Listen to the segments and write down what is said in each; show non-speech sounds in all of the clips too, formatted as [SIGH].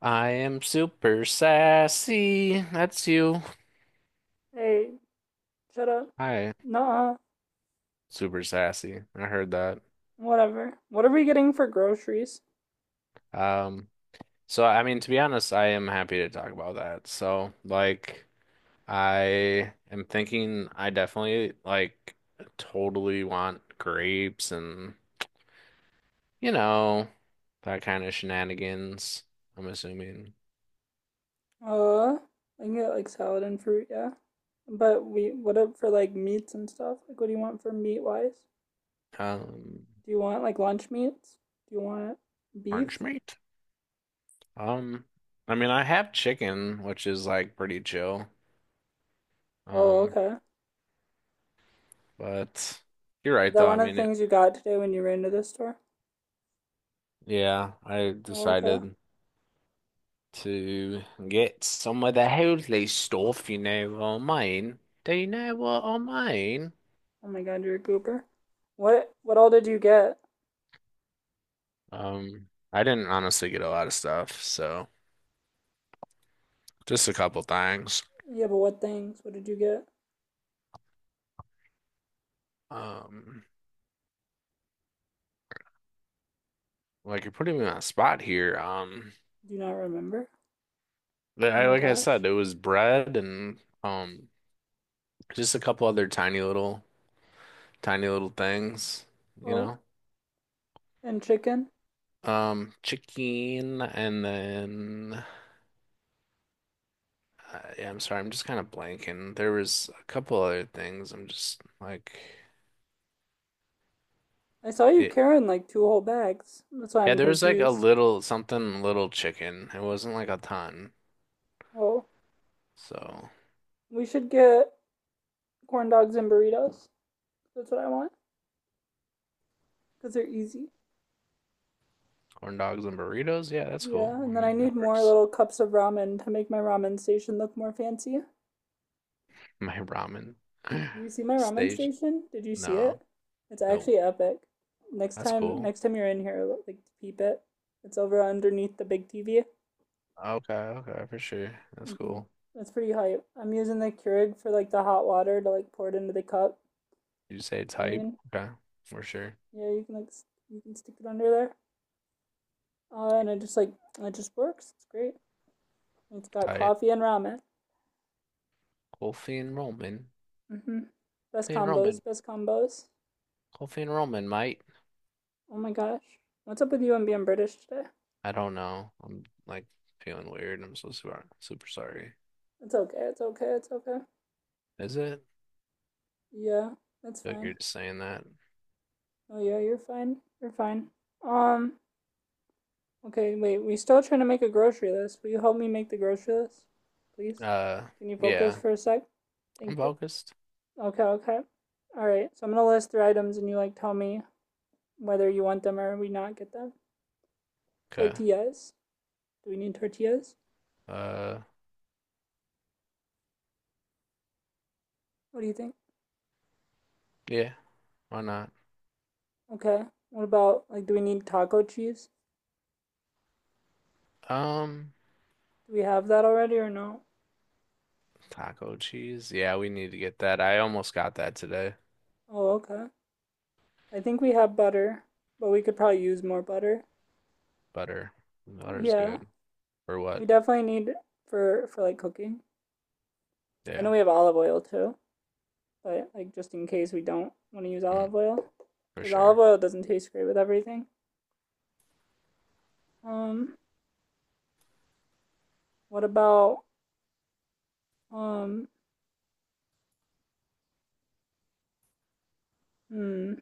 I am super sassy. That's you. Hey, shut up. Hi, Nah, super sassy. I heard that. whatever. What are we getting for groceries? Um, so I mean, to be honest, I am happy to talk about that. So, like, I am thinking I definitely like totally want grapes and, you know, that kind of shenanigans, I'm assuming. I can get like salad and fruit, yeah. But we, what up for like meats and stuff? Like, what do you want for meat wise? Um, Do you want like lunch meats? Do you want Orange beef? meat. Um, I mean, I have chicken, which is like pretty chill. Oh, Um, okay. But you're Is right, that though. I one of the mean, things you got today when you ran to the store? yeah, I Oh, okay. decided to get some of the holy stuff, you know, on mine. Do you know what on mine? Oh my God, you're a goober. What all did you get? I didn't honestly get a lot of stuff, so just a couple things. Yeah, but what things? What did you get? Um, like you're putting me on a spot here. Um, Do you not remember? li- Oh I my like I gosh. said, it was bread and just a couple other tiny little things, you Oh, know. and chicken. Chicken and then yeah, I'm sorry. I'm just kind of blanking. There was a couple other things. I'm just like I saw you it. carrying like two whole bags. That's why Yeah, I'm there was like a confused. little something, little chicken. It wasn't like a ton. Well, So we should get corn dogs and burritos. That's what I want because they're easy. corn dogs and burritos. Yeah, that's cool. Yeah, I and then I mean, need that more works. little cups of ramen to make my ramen station look more fancy. My ramen Do [LAUGHS] you see my ramen stage. station? Did you see No, it? It's no, actually epic. That's cool. Next time you're in here, like peep it. It's over underneath the big TV. Okay, okay, for sure. That's Mm-hmm. cool. That's pretty hype. I'm using the Keurig for like the hot water to like pour it into the cup. You say You know what I type. mean? Okay, for sure. Yeah, you can like you can stick it under there, and it just like it just works. It's great. And It's got Type. coffee and ramen. Coffee and Roman. Mm-hmm. Best Coffee and combos. Roman. Best combos. Coffee and Roman, mate. Oh my gosh, what's up with you and being British today? I don't know. I'm feeling weird. I'm so super, super sorry. It's okay. It's okay. It's okay. Is it? Yeah, I that's feel like you're fine. just saying that. Oh yeah, you're fine. You're fine. Um. Okay. Wait. We still trying to make a grocery list. Will you help me make the grocery list, please? Uh, Can you focus yeah, for a sec? I'm Thank you. focused. Okay. Okay. All right. So I'm gonna list three items, and you like tell me whether you want them or we not get them. Okay. Tortillas. Do we need tortillas? Uh, What do you think? yeah, why not? Okay. What about like do we need taco cheese? Um, Do we have that already or no? Taco cheese. Yeah, we need to get that. I almost got that today. Oh, okay. I think we have butter, but we could probably use more butter. Butter. Butter's Yeah. good. Or We what? definitely need for like cooking. I Yeah, know we have olive oil too, but like just in case we don't want to use mm, olive oil for cuz olive sure. oil doesn't taste great with everything. Um what about um hmm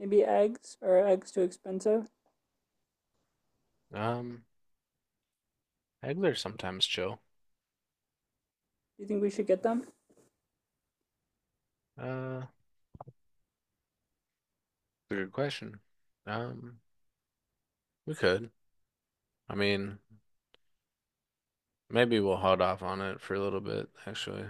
maybe eggs or eggs too expensive? Um, Eggler's sometimes chill. Do you think we should get them? Uh, Good question. Um, we could. I mean, maybe we'll hold off on it for a little bit, actually.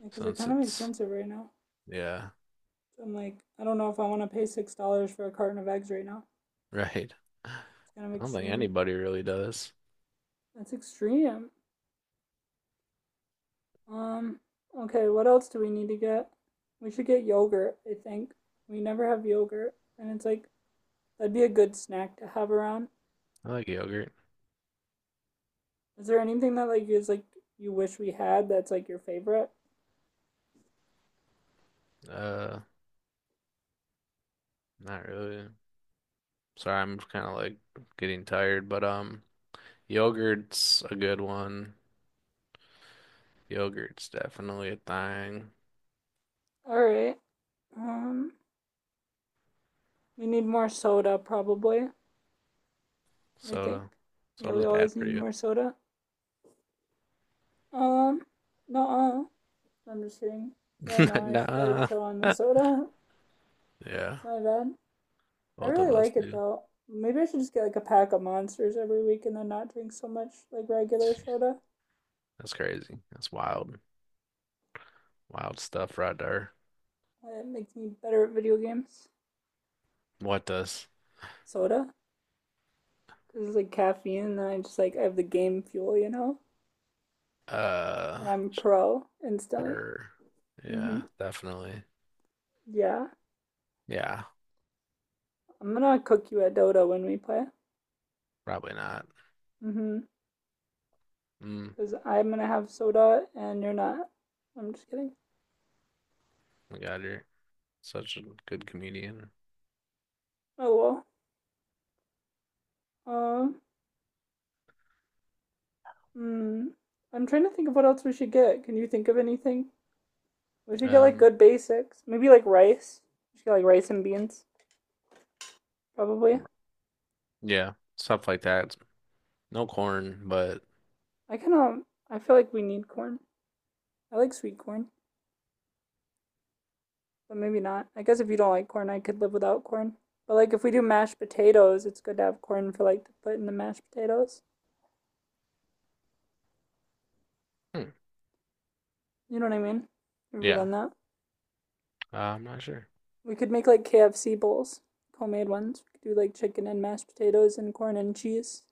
Yeah, because they're Since kind of it's, expensive right now. yeah, So I'm like, I don't know if I want to pay $6 for a carton of eggs right now. [LAUGHS] right. I It's kind of don't think extreme. anybody really does. That's extreme. Um. Okay. What else do we need to get? We should get yogurt. I think we never have yogurt, and it's like that'd be a good snack to have around. I like yogurt. Is there anything that like is like you wish we had that's like your favorite? Uh, Not really. Sorry, I'm getting tired, but yogurt's a good one. Yogurt's definitely a thing. All right. Um. We need more soda probably. I think. Soda. Yeah, we Soda's bad always for need you. more soda. Um. No. I'm just kidding. Yeah, I know. [LAUGHS] I should probably Nah. chill on the [LAUGHS] soda. It's Yeah, my bad. I both of really us like it do. though. Maybe I should just get like a pack of monsters every week and then not drink so much like regular Jeez, soda. that's crazy. That's wild. Wild stuff right there. It makes me better at video games. What does? Soda? Because it's like caffeine and then I just like I have the game fuel, you know? Uh, And I'm pro instantly. sure. Mm hmm. Yeah, definitely. Yeah. Yeah. I'm gonna cook you at Dota when we play. Probably not. Mm hmm. Mm, Because I'm gonna have soda and you're not. I'm just kidding. my God, you're such a good comedian. Oh well. Um. Hmm, I'm trying to think of what else we should get. Can you think of anything? We should get like Um, good basics. Maybe like rice. We should get like rice and beans, probably. yeah, stuff like that. No corn, but I kind of I feel like we need corn. I like sweet corn, but maybe not. I guess if you don't like corn, I could live without corn. But like if we do mashed potatoes, it's good to have corn for like to put in the mashed potatoes. hmm, You know what I mean? Have you ever yeah, done that? I'm not sure. We could make like KFC bowls, homemade ones. We could do like chicken and mashed potatoes and corn and cheese.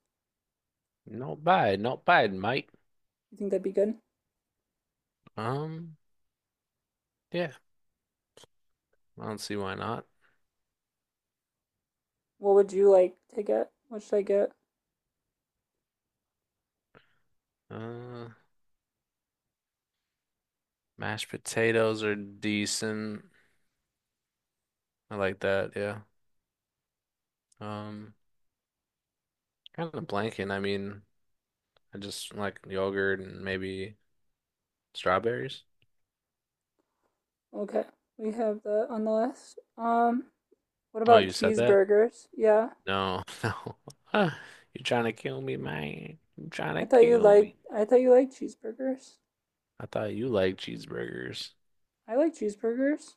No bad, not bad, mate. You think that'd be good? Um, yeah, I don't see why not. What would you like to get? What should I get? Uh, Mashed potatoes are decent. I like that. Yeah. Um, Kind of blanking. I mean, I just like yogurt and maybe strawberries. Okay, we have that on the list. What Oh, about you said that? cheeseburgers? Yeah, No, [LAUGHS] no. You're trying to kill me, man. You're trying I to thought you kill liked. me. I thought you liked cheeseburgers. I thought you liked cheeseburgers. I like cheeseburgers.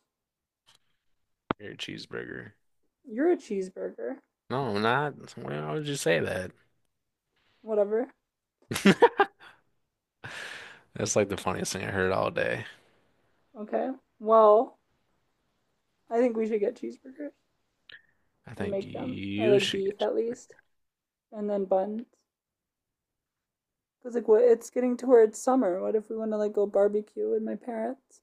You're a cheeseburger. You're a cheeseburger. No, I'm not. Why would you say that? Whatever. [LAUGHS] That's like the funniest thing I heard all day. Okay. Well, I think we should get cheeseburgers I and think make them, or you like should get beef at cheeseburger. least, and then buns. Cause like what? It's getting towards summer. What if we want to like go barbecue with my parents?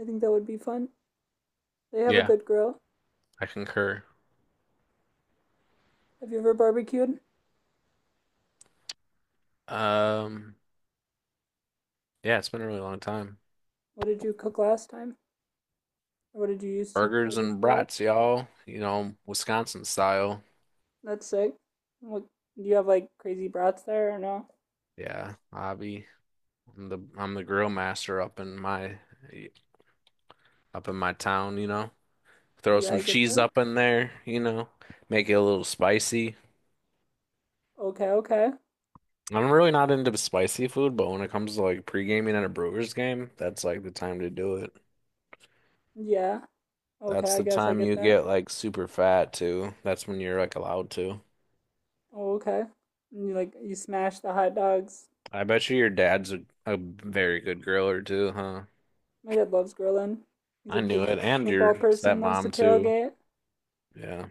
I think that would be fun. They have a Yeah, good grill. I concur. Have you ever barbecued? Um, yeah, it's been a really long time. What did you cook last time? Or what did you use to Burgers and barbecue up? brats, y'all. You know, Wisconsin style. That's sick. What do you have like crazy brats there or no? Yeah, Avi. I'm the grill master up in my town, you know. Throw Yeah, some I get cheese that. up in there, you know, make it a little spicy. Okay, okay. I'm really not into spicy food, but when it comes to like pre-gaming at a Brewers game, that's like the time to do it. Yeah. Okay, That's I the guess I time get you that. get like super fat too. That's when you're like allowed to. Oh, okay. And you like you smash the hot dogs. I bet you your dad's a very good griller too, huh? My dad loves grilling. He's a I knew big it. And football your person, loves to stepmom too. tailgate. Yeah.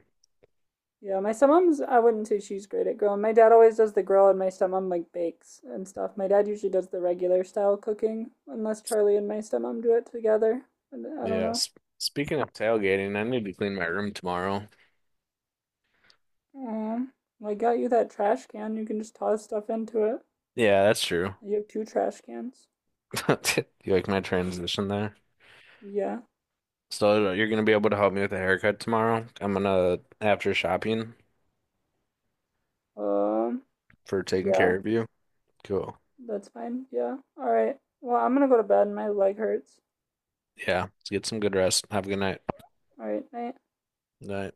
Yeah, my stepmom's I wouldn't say she's great at grilling. My dad always does the grill and my stepmom like bakes and stuff. My dad usually does the regular style cooking, unless Charlie and my stepmom do it together. And I don't Yeah. know. S speaking of tailgating, I need to clean my room tomorrow. Um, I got you that trash can. You can just toss stuff into it. Yeah, that's true. You have two trash cans. [LAUGHS] You like my transition there? Yeah. So you're gonna be able to help me with a haircut tomorrow. I'm gonna after shopping Um, for taking yeah. care of you. Cool. That's fine. Yeah. All right. Well, I'm gonna go to bed. My leg hurts. Yeah. Let's get some good rest. Have a good night. All right. Night. Night.